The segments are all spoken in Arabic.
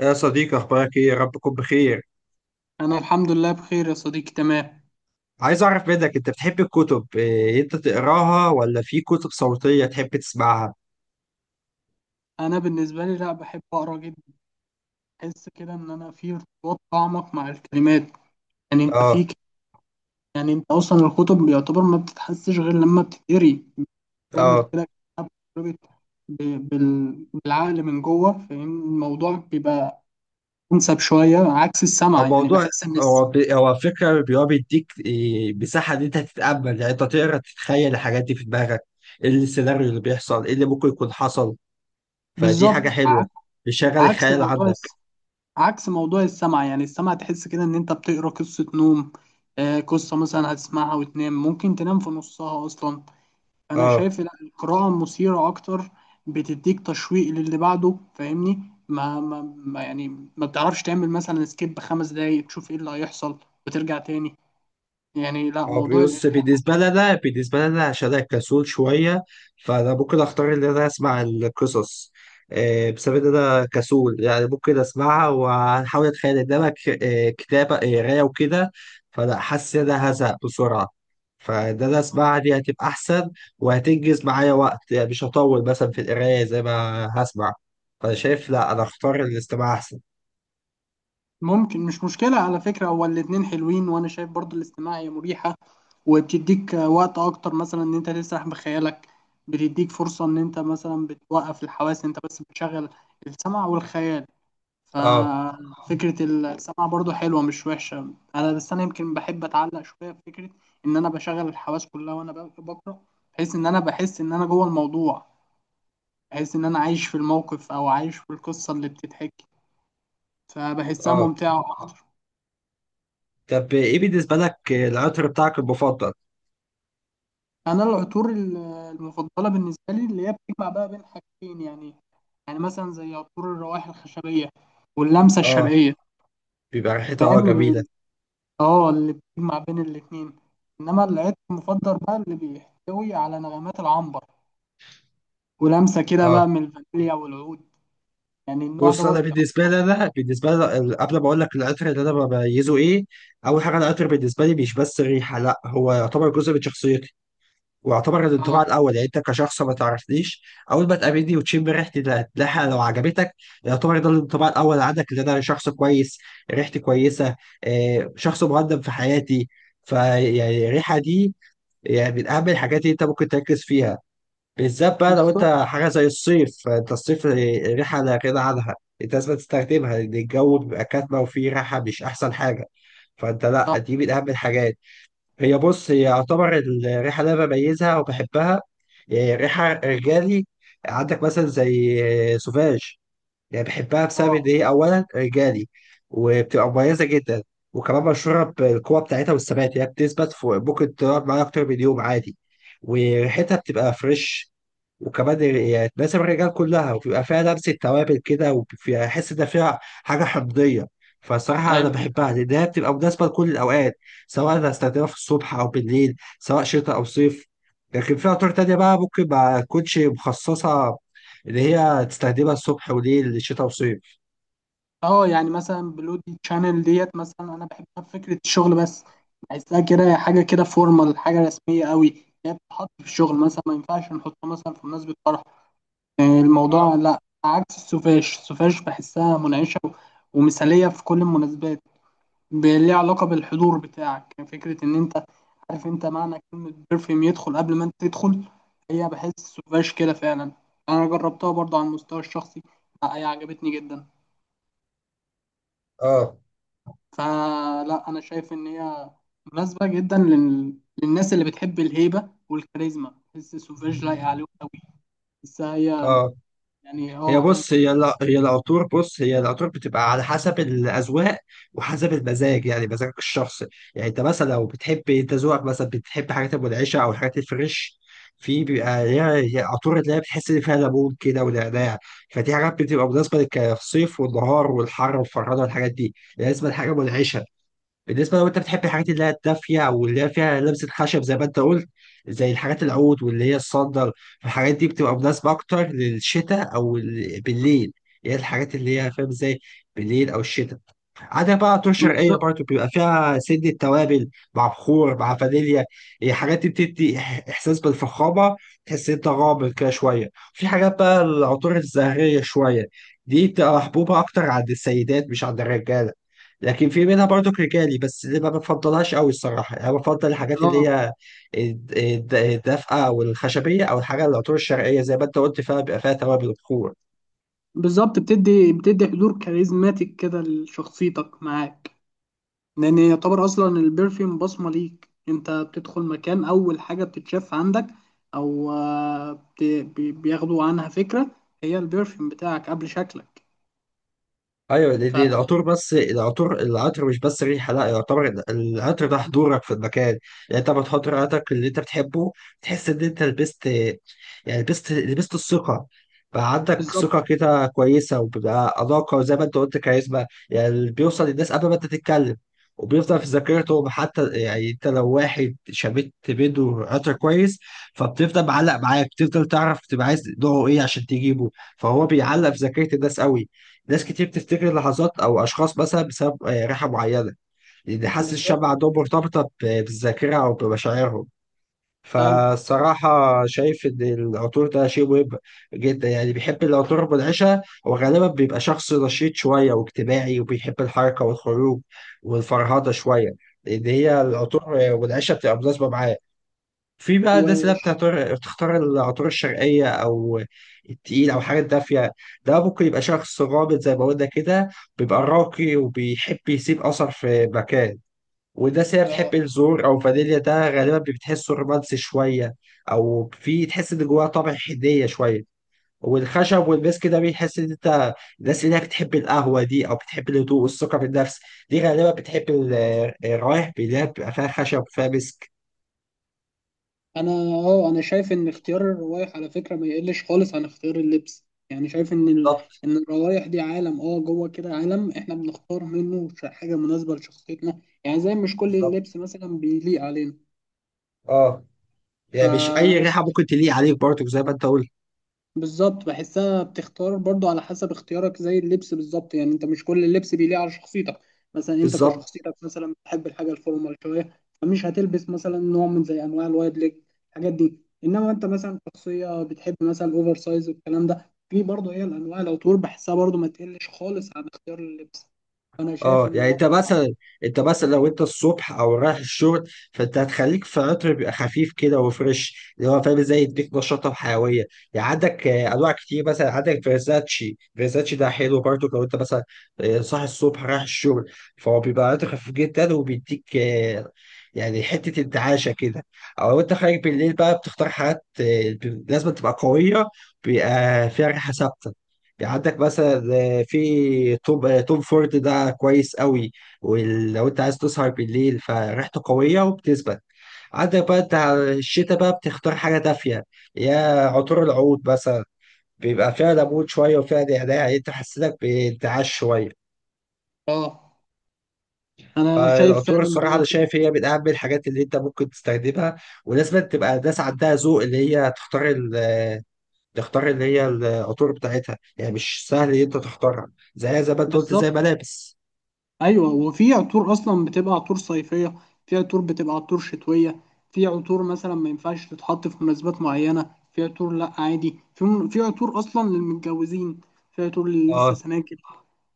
يا صديقي، اخبارك ايه؟ يا رب تكون بخير. انا الحمد لله بخير يا صديقي. تمام. عايز اعرف منك، انت بتحب الكتب، إيه انت تقراها ولا في كتب صوتية تحب تسمعها؟ انا بالنسبه لي، لا، بحب اقرا جدا. بحس كده ان انا في ارتباط اعمق مع الكلمات. يعني انت اه. فيك. يعني انت اصلا الكتب بيعتبر ما بتتحسش غير لما بتتقري. بتعمل اه. كده كأنها بتتربط بالعقل من جوه. فاهم الموضوع؟ بيبقى انسب شويه عكس السمع. او يعني موضوع، بحس ان هو فكرة بيبقى بيديك إيه مساحة ان انت تتأمل، يعني انت تقرا تتخيل الحاجات دي في دماغك. ايه السيناريو اللي بيحصل، ايه اللي ممكن يكون حصل؟ فدي حاجة بالظبط. حلوة. بيشغل عكس الخيال موضوع، عندك. عكس موضوع السمع. يعني السمع تحس كده ان انت بتقرا قصة نوم. آه، قصة مثلا هتسمعها وتنام، ممكن تنام في نصها اصلا. انا اه. شايف لا، القراءة مثيرة اكتر. بتديك تشويق للي بعده. فاهمني؟ ما يعني ما بتعرفش تعمل مثلا سكيب خمس دقايق تشوف ايه اللي هيحصل وترجع تاني. يعني لا، اه. موضوع بص، القراية بالنسبة لي أنا عشان أنا كسول شوية، فأنا ممكن أختار إن أنا أسمع القصص. بسبب إن أنا كسول، يعني ممكن أسمعها وأحاول أتخيل إنما كتابة قراية وكده. فلا، حاسس إن أنا هزهق بسرعة، فإن أنا أسمعها دي هتبقى أحسن وهتنجز معايا وقت، يعني مش هطول مثلا في القراية زي ما هسمع. فأنا شايف لا، أنا أختار الاستماع أحسن. ممكن مش مشكلة على فكرة، هو الاتنين حلوين، وأنا شايف برضو الاستماع هي مريحة. وبتديك وقت أكتر مثلا إن أنت تسرح بخيالك. بتديك فرصة إن أنت مثلا بتوقف الحواس، أنت بس بتشغل السمع والخيال. أه. ففكرة السمع برضو حلوة، مش وحشة. أنا بس أنا يمكن بحب أتعلق شوية بفكرة إن أنا بشغل الحواس كلها وأنا بقرأ. بحيث إن أنا بحس إن أنا جوه الموضوع. بحيث إن أنا عايش في الموقف أو عايش في القصة اللي بتتحكي. فبحسها أه. ممتعة. طب إيه بالنسبة لك العطر بتاعك المفضل؟ انا العطور المفضله بالنسبه لي اللي هي بتجمع بقى بين حاجتين. يعني يعني مثلا زي عطور الروائح الخشبيه واللمسه اه. الشرقيه. بيبقى ريحتها فاهم جميله. اه، اللي بتجمع بين الاتنين. انما العطر المفضل بقى اللي بيحتوي على نغمات العنبر ولمسه كده اه. بقى من الفانيليا والعود. يعني النوع بص، انا دوت. بالنسبه لي انا بالنسبه لي قبل ما اقول لك العطر اللي انا بميزه ايه، اول حاجه العطر بالنسبه لي مش بس ريحه، لا هو يعتبر جزء من شخصيتي، ويعتبر الانطباع اه، الاول. يعني انت كشخص ما تعرفنيش، اول ما تقابلني وتشم ريحتي، ده هتلاقيها لو عجبتك. يعتبر ده الانطباع الاول عندك، ان انا شخص كويس، ريحتي كويسه، شخص مقدم في حياتي. فيعني الريحه دي يعني من اهم الحاجات اللي انت ممكن تركز فيها، بالذات بقى لو انت بالظبط. حاجه زي الصيف. فانت الصيف ريحه لا غنى عنها، انت لازم تستخدمها، لان الجو بيبقى كاتمه وفيه ريحه مش احسن حاجه. فانت لا، اه. دي من اهم الحاجات. بص هي يعتبر الريحه اللي انا بميزها وبحبها، اه، ريحه رجالي. عندك مثلا زي اه، سوفاج. يعني بحبها بسبب اه. ان هي اولا رجالي، وبتبقى مميزه جدا، وكمان مشهوره بالقوه بتاعتها والثبات. هي بتثبت فوق، ممكن تقعد معايا اكتر من يوم عادي، وريحتها بتبقى فريش. وكمان يعني تناسب الرجال كلها، وبيبقى فيها لمسة توابل كده، وبيبقى أحس إن فيها حاجة حمضية. فالصراحة أنا ايوه. بحبها لأن هي بتبقى مناسبة لكل الأوقات، سواء أنا هستخدمها في الصبح أو بالليل، سواء شتاء أو صيف. لكن في عطور تانية بقى ممكن ما تكونش مخصصة إن هي تستخدمها الصبح وليل شتاء وصيف. اه، يعني مثلا بلودي تشانل ديت مثلا انا بحبها فكره الشغل بس. بحسها كده حاجه كده فورمال، حاجه رسميه قوي. هي بتتحط في الشغل مثلا، ما ينفعش نحطها مثلا في مناسبه فرح. آه، الموضوع لا. عكس السوفاش، السوفاش بحسها منعشه ومثاليه في كل المناسبات. ليها علاقه بالحضور بتاعك. يعني فكره ان انت عارف انت معنى كلمه بيرفيوم؟ يدخل قبل ما انت تدخل. هي بحس السوفاش كده فعلا. انا جربتها برضه على المستوى الشخصي، لا هي عجبتني جدا. آه. فلا، انا شايف ان هي مناسبه جدا للناس اللي بتحب الهيبه والكاريزما. بحس سوفيج لايقه عليهم قوي. بحسها هي آه. يعني هي اه، قلب. بص هي لا هي العطور بص هي العطور بتبقى على حسب الاذواق، وحسب المزاج، يعني مزاجك الشخصي. يعني انت مثلا لو بتحب، انت ذوقك مثلا بتحب حاجات المنعشه او الحاجات الفريش، في بيبقى ليها عطور اللي هي بتحس ان فيها ليمون كده ونعناع. فدي حاجات بتبقى مناسبه للصيف والنهار والحر والفرهده، والحاجات دي لازم حاجه منعشه. بالنسبة لو انت بتحب الحاجات اللي هي الدافية، او اللي هي فيها لمسة خشب زي ما انت قلت، زي الحاجات العود واللي هي الصندل، الحاجات دي بتبقى مناسبة اكتر للشتاء او بالليل. يعني الحاجات اللي هي فاهم ازاي، بالليل او الشتاء. عندك بقى عطور شرقية بالظبط. برضو بيبقى فيها سنة توابل، مع بخور مع فانيليا. إيه، حاجات دي بتدي إحساس بالفخامة، تحس إن أنت غامض كده شوية. في حاجات بقى العطور الزهرية شوية، دي بتبقى محبوبة أكتر عند السيدات مش عند الرجالة، لكن في منها برضو رجالي بس اللي ما بفضلهاش قوي الصراحة. يعني أنا بفضل الحاجات اللي اه، هي الدافئة والخشبية، أو الحاجة العطور الشرقية زي ما أنت قلت، فيها بيبقى فيها توابل وبخور. بالظبط، بتدي بتدي حضور كاريزماتيك كده لشخصيتك معاك. لان يعتبر اصلا البرفيوم بصمه ليك. انت بتدخل مكان اول حاجه بتتشاف عندك او آه، بياخدوا عنها فكره. هي البرفيوم بتاعك قبل شكلك. ايوه، دي العطور. بس العطر مش بس ريحه، لا يعتبر العطر ده حضورك في المكان. يعني انت لما تحط عطرك اللي انت بتحبه، تحس ان انت لبست، يعني لبست الثقه، بقى عندك ثقه فبالظبط. كده كويسه، وبيبقى اناقه، وزي ما انت قلت كاريزما، يعني اللي بيوصل للناس قبل ما انت تتكلم، وبيفضل في ذاكرتهم حتى. يعني انت لو واحد شميت بيده عطر كويس، فبتفضل معلق معاك، بتفضل تعرف تبقى عايز نوعه ايه عشان تجيبه. فهو بيعلق في ذاكره الناس قوي. ناس كتير بتفتكر لحظات أو أشخاص مثلا بسبب ريحة معينة، لأن حاسة الشم بالظبط. عندهم مرتبطة بالذاكرة أو بمشاعرهم. ايوه. فالصراحة شايف إن العطور ده شيء مهم جدا. يعني بيحب العطور المنعشة وغالبا بيبقى شخص نشيط شوية واجتماعي، وبيحب الحركة والخروج والفرهدة شوية، لأن هي العطور المنعشة بتبقى مناسبة معاه. في بقى الناس اللي وش. بتعتبر تختار العطور الشرقية أو التقيل أو حاجة دافية، ده ممكن يبقى شخص غامض زي ما قلنا كده، بيبقى راقي وبيحب يسيب أثر في مكان. والناس اللي آه. بتحب الزور أو فانيليا، ده غالبا بتحسه رومانسي شوية، أو في تحس إن جواه طابع حنية شوية. والخشب والمسك ده بيحس إن أنت، الناس اللي هي بتحب القهوة دي أو بتحب الهدوء والثقة بالنفس، دي غالبا بتحب الروايح اللي هي بتبقى فيها خشب وفيها مسك. انا اه، انا شايف ان اختيار الروايح على فكره ما يقلش خالص عن اختيار اللبس. يعني شايف ان بالظبط. ان الروايح دي عالم اه، جوه كده، عالم احنا بنختار منه حاجه مناسبه لشخصيتنا. يعني زي مش كل اللبس بالظبط. مثلا بيليق علينا. اه، يعني مش اي فانا ريحه ممكن تليق عليك برضه زي ما انت قلت. بالظبط بحسها بتختار برضو على حسب اختيارك زي اللبس بالظبط. يعني انت مش كل اللبس بيليق على شخصيتك. مثلا انت بالظبط. كشخصيتك مثلا بتحب الحاجه الفورمال شويه، فمش هتلبس مثلا نوع من زي انواع الوايد ليج الحاجات دي. انما انت مثلا شخصيه بتحب مثلا الاوفر سايز والكلام ده. في برضو هي الانواع لو طول. بحسها برضو ما تقلش خالص عن اختيار اللبس. انا شايف اه، ان يعني هو انت مثلا لو انت الصبح او رايح الشغل، فانت هتخليك في عطر بيبقى خفيف كده وفريش، اللي هو فاهم ازاي يديك نشاطه وحيويه. يعني عندك انواع كتير، مثلا عندك فيرزاتشي ده حلو برضه لو انت مثلا صاحي الصبح رايح الشغل، فهو بيبقى عطر خفيف جدا وبيديك يعني حته انتعاشه كده. او لو انت خارج بالليل بقى، بتختار حاجات لازم تبقى قويه، بيبقى فيها ريحه ثابته. يعني عندك مثلا في توب توم فورد ده كويس قوي، ولو انت عايز تسهر بالليل فريحته قوية وبتثبت. عندك بقى انت على الشتاء بقى بتختار حاجة دافية، يا عطور العود مثلا، بيبقى فيها ليمون شوية وفيها نعناع، يعني انت حسيتك بانتعاش شوية. اه، انا شايف فعلا فالعطور ان الصراحة هو أنا كده. شايف هي من أهم الحاجات اللي أنت ممكن تستخدمها، ولازم تبقى الناس عندها ذوق اللي هي تختار اللي هي العطور بتاعتها. يعني مش سهل إن أنت تختارها، زي ما أنت قلت، زي بالظبط. ملابس. ايوه، وفي عطور اصلا بتبقى عطور صيفيه، في عطور بتبقى عطور شتويه. في عطور مثلا ما ينفعش تتحط في مناسبات معينه، في عطور لا عادي. في في عطور اصلا للمتجوزين، في عطور اللي لسه اه. سناجب.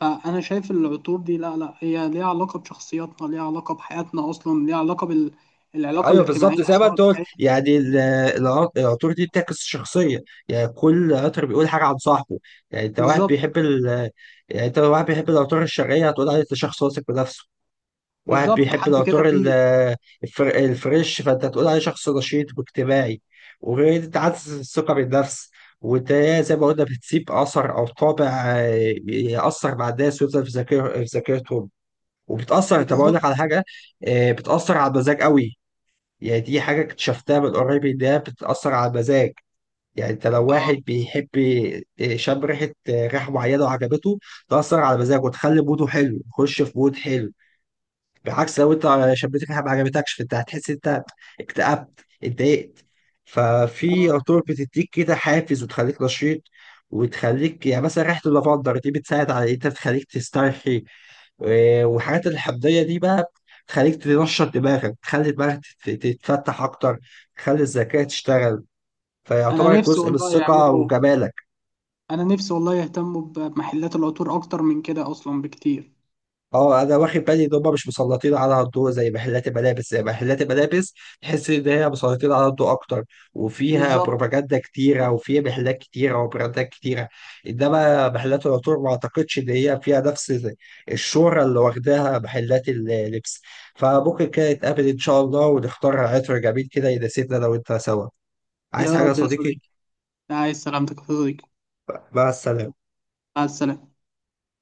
فانا شايف العطور دي لا، هي ليها علاقه بشخصياتنا، ليها علاقه بحياتنا اصلا، ليها علاقه العلاقه ايوه بالظبط، الاجتماعيه زي ما سواء انت قلت، بتاعت. يعني العطور دي بتعكس الشخصيه، يعني كل عطر بيقول حاجه عن صاحبه. يعني انت واحد بالظبط. بيحب ال يعني انت واحد بيحب العطور الشرقيه، هتقول عليه ده شخص واثق بنفسه. واحد بالظبط، بيحب حد كده العطور تقيل. الفريش، فانت هتقول عليه شخص نشيط واجتماعي، وغير انت عكس الثقه بالنفس. وانت زي ما قلنا، بتسيب اثر او طابع ياثر مع الناس، ويفضل في ذاكرتهم، وبتاثر. طب اقول لك بالظبط. على حاجه، بتاثر على المزاج قوي. يعني دي حاجة اكتشفتها من قريب، إن هي بتأثر على المزاج. يعني أنت لو واحد اه. بيحب شم ريحة معينة وعجبته، تأثر على مزاجه وتخلي موده حلو، يخش في مود حلو. بعكس لو انت شبيتك حاجه ما عجبتكش، فانت هتحس انت اكتئبت اتضايقت. ففي اه، عطور بتديك كده حافز وتخليك نشيط، وتخليك يعني مثلا ريحه اللافندر دي بتساعد على انت تخليك تسترخي. والحاجات الحمضيه دي بقى تخليك تنشط دماغك، تخلي دماغك تتفتح اكتر، تخلي الذكاء تشتغل، انا فيعتبر نفسي جزء من والله الثقه يعملوا، وجمالك. انا نفسي والله يهتموا بمحلات العطور اكتر من كده اصلا بكتير. اه، انا واخد بالي ان هم مش مسلطين على الضوء زي محلات الملابس. تحس ان هي مسلطين على الضوء اكتر، وفيها بالظبط. بروباجندا كتيره، وفيها محلات كتيره وبراندات كتيره. انما محلات العطور ما اعتقدش ان هي فيها نفس الشهره اللي واخداها محلات اللبس. فممكن كده نتقابل ان شاء الله، ونختار عطر جميل كده يناسبنا لو انت سوا عايز يا حاجه يا رب يا صديقي. صديقي. عايز سلامتك يا صديقي. مع السلامه. مع السلامة.